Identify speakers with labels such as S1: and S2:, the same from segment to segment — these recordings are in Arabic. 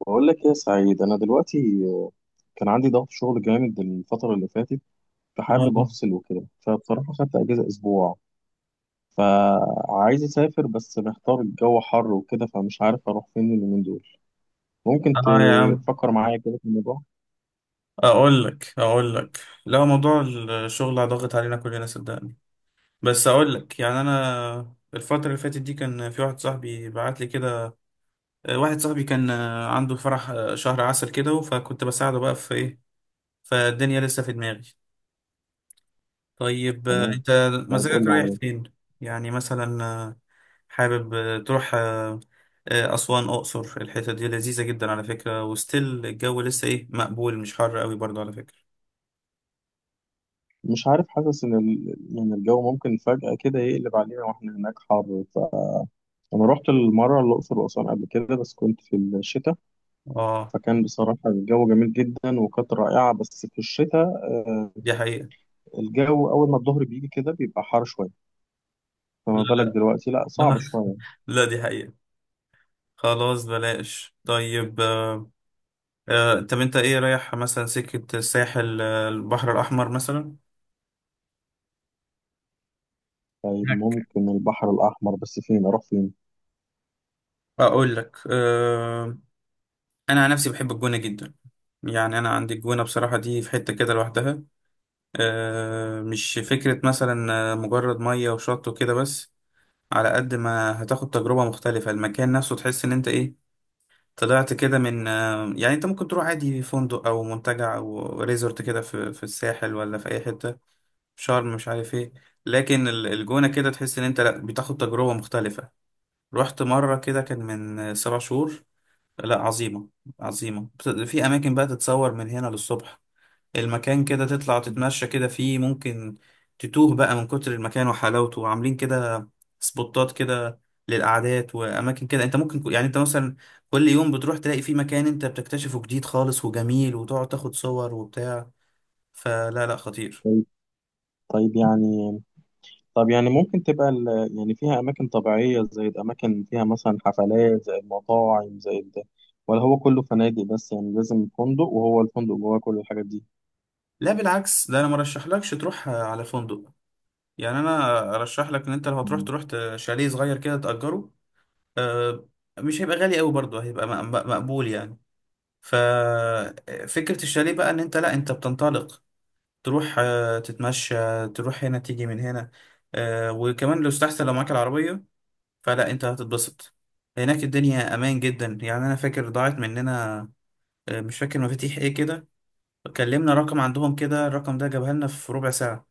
S1: بقول لك يا سعيد، انا دلوقتي كان عندي ضغط شغل جامد الفتره اللي فاتت، فحابب
S2: اه
S1: افصل وكده. فبصراحه خدت اجازه اسبوع، فعايز اسافر بس محتار. الجو حر وكده فمش عارف اروح فين اليومين دول. ممكن
S2: اه يا عم،
S1: تفكر معايا كده في الموضوع؟
S2: اقول لك. لا موضوع، الشغل ضاغط علينا كلنا صدقني. بس اقول لك، يعني انا الفترة اللي فاتت دي كان في واحد صاحبي بعت لي كده. واحد صاحبي كان عنده فرح شهر عسل كده، فكنت بساعده بقى في ايه، فالدنيا لسه في دماغي. طيب
S1: تمام.
S2: انت
S1: طيب قول
S2: مزاجك
S1: لي
S2: رايح
S1: اعمل ايه.
S2: فين؟ يعني مثلا حابب تروح أسوان أقصر؟ الحتة دي لذيذة جدا على فكرة، وستيل الجو لسه إيه، مقبول، مش حر قوي برضه على فكرة.
S1: مش عارف، حاسس ان يعني الجو ممكن فجاه كده يقلب علينا واحنا هناك حر. فانا رحت المره الاقصر واسوان قبل كده، بس كنت في الشتاء،
S2: اه
S1: فكان بصراحه الجو جميل جدا وكانت رائعه، بس في الشتاء.
S2: دي حقيقة.
S1: الجو أول ما الظهر بيجي كده بيبقى حار شوية،
S2: لا
S1: فما بالك دلوقتي؟ لأ، صعب
S2: لا
S1: شوية.
S2: لا دي حقيقة. خلاص بلاش. طيب آه طب انت ايه، رايح مثلا سكة الساحل، البحر الأحمر مثلا؟
S1: طيب ممكن البحر الأحمر، بس فين أروح فين؟
S2: اقول لك آه، انا عن نفسي بحب الجونه جدا. يعني انا عندي الجونه بصراحه دي في حته كده لوحدها. آه مش فكره مثلا مجرد ميه وشط وكده بس، على قد ما هتاخد تجربه مختلفه المكان نفسه تحس ان انت ايه، طلعت كده. من يعني انت ممكن تروح عادي فندق او منتجع او ريزورت كده في الساحل ولا في اي حته في شرم مش عارف ايه، لكن الجونه كده تحس ان انت لا بتاخد تجربه مختلفه. رحت مره كده كان من سبع شهور. لا عظيمه، عظيمه. في اماكن بقى تتصور، من هنا للصبح المكان كده تطلع
S1: مم.
S2: تتمشى كده فيه، ممكن تتوه بقى من كتر المكان وحلاوته، وعاملين كده سبوتات كده للقعدات وأماكن كده. أنت ممكن يعني أنت مثلا كل يوم بتروح تلاقي فيه مكان أنت بتكتشفه جديد خالص وجميل، وتقعد تاخد صور وبتاع. فلا لا، خطير.
S1: طيب، طيب، طب يعني ممكن تبقى يعني فيها أماكن طبيعية زي الأماكن، فيها مثلا حفلات زي المطاعم زي ده، ولا هو كله فنادق؟ بس يعني لازم فندق، وهو الفندق جواه كل الحاجات دي؟
S2: لا بالعكس، ده أنا مرشحلكش تروح على فندق. يعني أنا أرشح لك إن أنت لو هتروح
S1: مم.
S2: تروح شاليه صغير كده تأجره. آه، مش هيبقى غالي قوي برضه، هيبقى مقبول يعني. ففكرة الشاليه بقى ان انت لا انت بتنطلق، تروح تتمشى، تروح هنا تيجي من هنا. وكمان لو استحسن لو معاك العربية فلا انت هتتبسط. هناك الدنيا امان جدا، يعني انا فاكر ضاعت مننا مش فاكر مفاتيح ايه كده، كلمنا رقم عندهم كده، الرقم ده جابها لنا في ربع ساعة.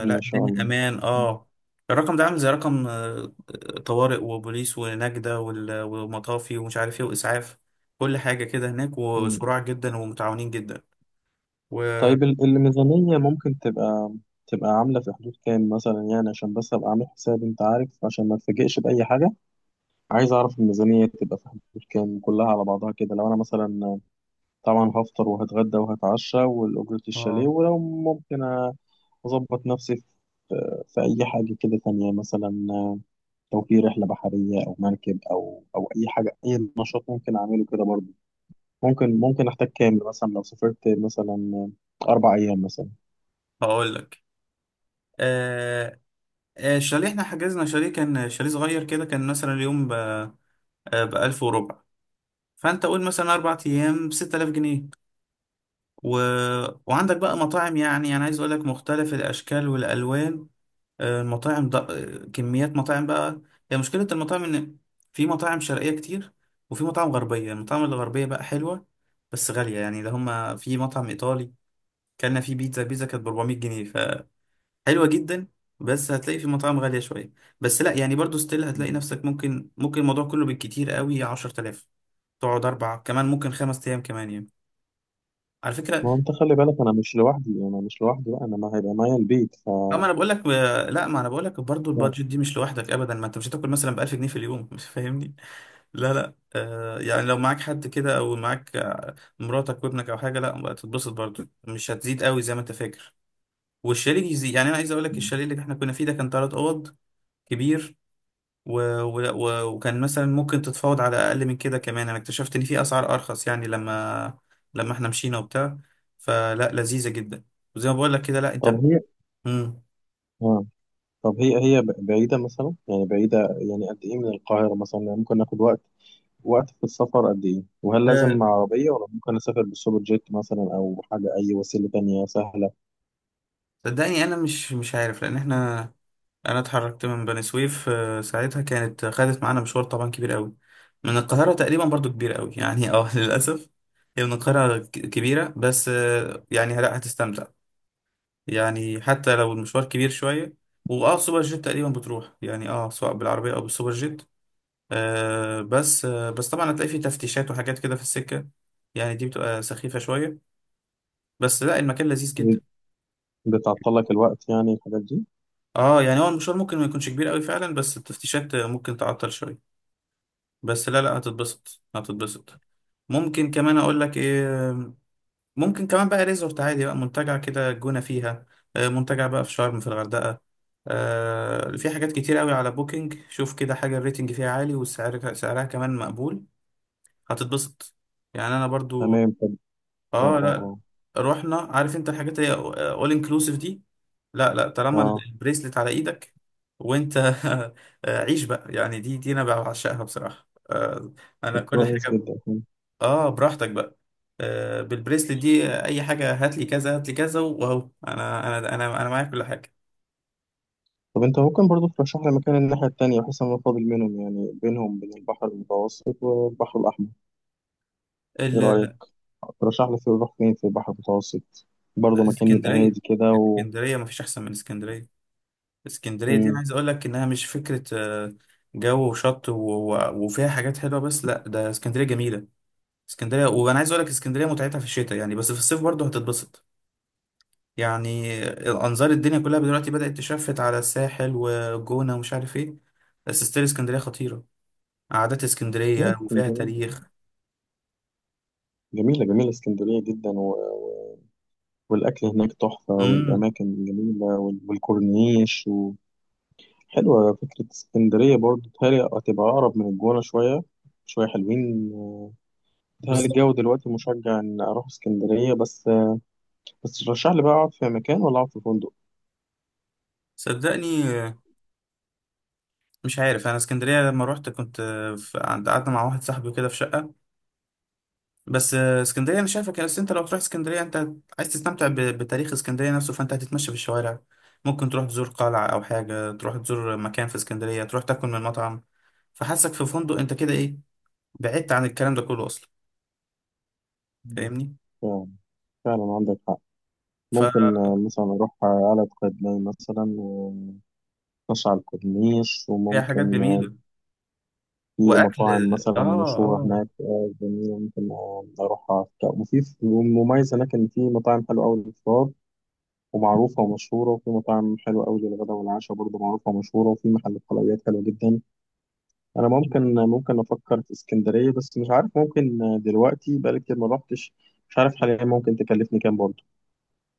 S1: ما شاء
S2: الدنيا
S1: الله.
S2: امان. اه الرقم ده عامل زي رقم طوارئ وبوليس ونجدة ومطافي ومش عارف ايه واسعاف، كل حاجة كده هناك،
S1: مم.
S2: وسرعة جدا ومتعاونين جدا. و
S1: طيب الميزانية ممكن تبقى، تبقى عاملة في حدود كام مثلا؟ يعني عشان بس أبقى عامل حساب، أنت عارف، عشان ما اتفاجئش بأي حاجة. عايز أعرف الميزانية تبقى في حدود كام كلها على بعضها كده، لو أنا مثلا طبعا هفطر وهتغدى وهتعشى والأجرة الشاليه.
S2: اه
S1: ولو ممكن أظبط نفسي في أي حاجة كده تانية مثلا، لو في رحلة بحرية أو مركب أو أي حاجة، أي نشاط ممكن أعمله كده برضه. ممكن أحتاج كام مثلا لو سافرت مثلا أربع أيام مثلا؟
S2: هقول لك. آه الشاليه، احنا حجزنا شاليه كان شاليه صغير كده كان مثلا اليوم ب ألف وربع، فأنت قول مثلا أربع أيام بستة آلاف جنيه. و... وعندك بقى مطاعم، يعني أنا عايز أقول لك مختلف الأشكال والألوان. المطاعم ده كميات مطاعم بقى. هي مشكلة المطاعم إن في مطاعم شرقية كتير وفي مطاعم غربية، المطاعم الغربية بقى حلوة بس غالية يعني. ده هما في مطعم إيطالي كلنا فيه بيتزا، بيتزا كانت ب 400 جنيه، فحلوة جدا. بس هتلاقي في مطاعم غالية شوية. بس لا يعني برضو ستيل هتلاقي نفسك، ممكن الموضوع كله بالكتير قوي 10,000، تقعد أربع كمان ممكن خمس أيام كمان يعني، على فكرة.
S1: ما هو انت خلي بالك انا مش لوحدي، بقى، انا ما هيبقى معايا البيت ف
S2: لا ما
S1: آه.
S2: أنا بقول لك لا ما أنا بقول لك برضو البادجت دي مش لوحدك أبدا. ما أنت مش هتاكل مثلا ب 1000 جنيه في اليوم مش فاهمني؟ لا لا آه يعني لو معاك حد كده او معاك مراتك وابنك او حاجه، لا بقى تتبسط برضو مش هتزيد قوي زي ما انت فاكر. والشاليه يزيد، يعني انا عايز اقول لك
S1: مم.
S2: الشاليه اللي احنا كنا فيه ده كان ثلاث اوض، كبير. و... وكان مثلا ممكن تتفاوض على اقل من كده كمان. انا اكتشفت ان في اسعار ارخص يعني لما احنا مشينا وبتاع، فلا لذيذه جدا. وزي ما بقول لك كده، لا
S1: طب
S2: انت
S1: هي،
S2: مم.
S1: اه، طب هي هي بعيدة مثلا؟ يعني بعيدة يعني قد ايه من القاهرة مثلا؟ يعني ممكن ناخد وقت في السفر قد ايه؟ وهل لازم
S2: آه،
S1: مع عربية ولا ممكن اسافر بالسوبر جيت مثلا، او حاجة اي وسيلة تانية سهلة؟
S2: صدقني انا مش عارف لان احنا انا اتحركت من بني سويف ساعتها كانت خدت معانا مشوار طبعا كبير قوي. من القاهرة تقريبا برضو كبير قوي يعني اه للأسف. هي من القاهرة كبيرة بس يعني لا هتستمتع، يعني حتى لو المشوار كبير شوية. واه سوبر جيت تقريبا بتروح يعني، اه سواء بالعربية او بالسوبر جيت. آه بس طبعا هتلاقي فيه تفتيشات وحاجات كده في السكة، يعني دي بتبقى سخيفة شوية، بس لا المكان لذيذ جدا.
S1: بتعطل لك الوقت يعني الحاجات دي؟
S2: اه يعني هو المشوار ممكن ما يكونش كبير قوي فعلا، بس التفتيشات ممكن تعطل شوية. بس لا لا هتتبسط، هتتبسط. ممكن كمان اقول لك ايه، ممكن كمان بقى ريزورت عادي، بقى منتجع كده، الجونة فيها منتجع بقى. في شرم، في الغردقة في حاجات كتير قوي على بوكينج. شوف كده حاجة الريتنج فيها عالي والسعر سعرها كمان مقبول، هتتبسط. يعني انا برضو
S1: تمام. طب، اه
S2: اه
S1: اه
S2: لا
S1: اه
S2: رحنا، عارف انت الحاجات اللي اول انكلوسيف دي، لا لا طالما
S1: اه.
S2: البريسلت على ايدك وانت عيش بقى. يعني دي انا بعشقها بصراحة انا
S1: طب
S2: كل
S1: كويس
S2: حاجة.
S1: جدا.
S2: اه براحتك بقى. آه بالبريسلت دي اي حاجه هات لي كذا هات لي كذا، واهو انا معايا كل حاجه.
S1: طب انت ممكن برضو ترشح لي مكان الناحية التانية، بحيث ان انا فاضل منهم، يعني بينهم بين البحر المتوسط والبحر الاحمر؟ ايه رأيك؟
S2: ال-
S1: ترشح لي في اروح فين في البحر المتوسط برضه، مكان يبقى
S2: الاسكندريه،
S1: هادي كده و...
S2: الاسكندريه مفيش احسن من اسكندريه. اسكندريه دي انا
S1: مم.
S2: عايز اقول لك انها مش فكره. جو وشط وفيها حاجات حلوه، بس لا ده اسكندريه جميله. اسكندريه وانا عايز اقول لك اسكندريه متعتها في الشتاء، يعني بس في الصيف برضه هتتبسط يعني. انظار الدنيا كلها دلوقتي بدات تشفت على الساحل والجونه ومش عارف ايه، بس ستيل اسكندريه خطيره، قعدات
S1: لا،
S2: اسكندريه وفيها
S1: اسكندرية
S2: تاريخ.
S1: جميلة، جميلة اسكندرية جدا، والأكل هناك تحفة،
S2: امم،
S1: والأماكن جميلة، والكورنيش و... حلوة فكرة اسكندرية برضه. بتهيألي هتبقى أقرب من الجونة شوية، شوية حلوين. بتهيألي
S2: بالظبط.
S1: الجو دلوقتي مشجع إن أروح اسكندرية. بس بس ترشح لي بقى، أقعد في مكان ولا أقعد في فندق؟
S2: صدقني مش عارف انا، اسكندريه لما روحت كنت عند قعدنا مع واحد صاحبي كده في شقه. بس اسكندريه انا شايفك، بس انت لو تروح اسكندريه انت عايز تستمتع بتاريخ اسكندريه نفسه، فانت هتتمشى في الشوارع، ممكن تروح تزور قلعه او حاجه، تروح تزور مكان في اسكندريه، تروح تاكل من مطعم. فحاسك في فندق انت كده ايه، بعدت عن الكلام ده كله اصلا،
S1: مم.
S2: فاهمني؟
S1: فعلا، فعلا عندك حق.
S2: فهي
S1: ممكن مثلا أروح قلعة قايتباي مثلا وأتمشى على الكورنيش،
S2: حاجات
S1: وممكن
S2: جميله،
S1: في
S2: واكل
S1: مطاعم
S2: اه
S1: مثلا مشهورة
S2: اه.
S1: هناك، جميلة، ممكن أروح أفطر. وفي مميز هناك إن في مطاعم حلوة أوي للفطار ومعروفة ومشهورة، وفي مطاعم حلوة أوي للغدا والعشاء برضه معروفة ومشهورة، وفي محلات حلويات حلوة جدا. أنا ممكن أفكر في اسكندرية، بس مش عارف ممكن، دلوقتي بقالي كتير ما روحتش. مش عارف حاليا ممكن تكلفني كام برضه؟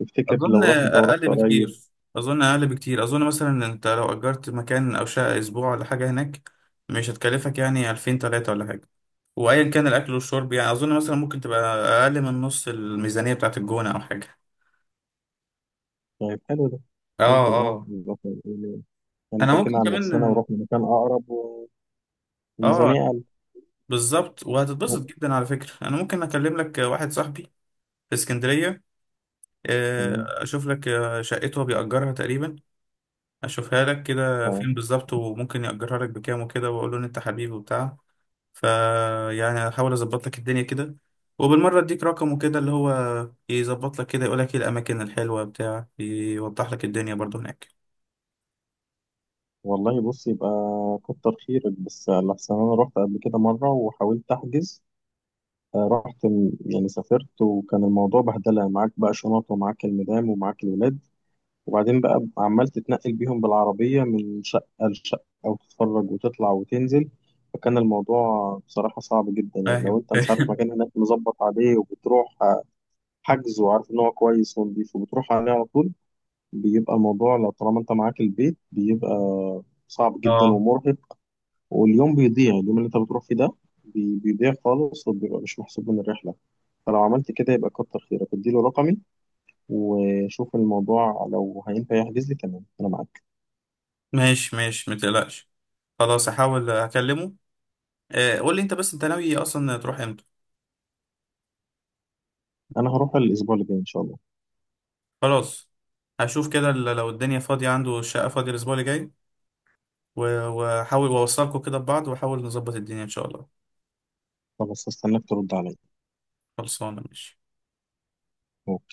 S1: تفتكر
S2: اظن
S1: لو رحت أنت ورحت
S2: اقل
S1: قريب؟
S2: بكتير اظن اقل بكتير. اظن مثلا انت لو اجرت مكان او شقه اسبوع ولا حاجه هناك، مش هتكلفك يعني 2000 3 ولا حاجه. وايا كان الاكل والشرب، يعني اظن مثلا ممكن تبقى اقل من نص الميزانيه بتاعت الجونه او حاجه.
S1: طيب، حلو ده.
S2: اه
S1: ممكن اه
S2: اه
S1: نبقى يعني
S2: انا
S1: فكينا
S2: ممكن
S1: عن
S2: كمان.
S1: نفسنا ورحنا مكان أقرب،
S2: اه
S1: وميزانية أقل.
S2: بالظبط، وهتتبسط جدا على فكره. انا ممكن اكلم لك واحد صاحبي في اسكندريه،
S1: تمام.
S2: اشوف لك شقته هو بيأجرها تقريبا، اشوفها لك كده فين
S1: ف-
S2: بالظبط وممكن يأجرها لك بكام وكده، واقول له ان انت حبيبي وبتاع. فيعني هحاول اظبط لك الدنيا كده، وبالمرة اديك رقمه كده اللي هو يظبط لك كده يقول لك ايه الاماكن الحلوة بتاع يوضح لك الدنيا برضو هناك.
S1: والله بص، يبقى كتر خيرك. بس لحسن أنا رحت قبل كده مرة وحاولت أحجز، رحت يعني سافرت، وكان الموضوع بهدلة. معاك بقى شنط ومعاك المدام ومعاك الولاد، وبعدين بقى عمال تتنقل بيهم بالعربية من شقة لشقة، أو تتفرج وتطلع وتنزل. فكان الموضوع بصراحة صعب جدا. يعني لو
S2: فاهم؟
S1: أنت مش عارف
S2: فاهم.
S1: مكان هناك مظبط عليه وبتروح حجز وعارف ان هو كويس ونضيف وبتروح عليه على طول، بيبقى الموضوع، لو طالما انت معاك البيت، بيبقى صعب جدا
S2: اه
S1: ومرهق. واليوم بيضيع، اليوم اللي انت بتروح فيه ده بيضيع خالص، وبيبقى مش محسوب من الرحله. فلو عملت كده يبقى كتر خيرك، اديله رقمي وشوف الموضوع لو هينفع يحجز لي. تمام، انا معاك.
S2: ماشي ماشي متقلقش، خلاص هحاول اكلمه. قول لي انت بس انت ناوي اصلا تروح امتى؟
S1: انا هروح الاسبوع اللي جاي ان شاء الله.
S2: خلاص هشوف كده لو الدنيا فاضية عنده، الشقة فاضية الاسبوع اللي جاي، واحاول واوصلكوا كده ببعض، واحاول نظبط الدنيا ان شاء الله.
S1: خلاص، هستناك ترد عليا.
S2: خلصانة ماشي.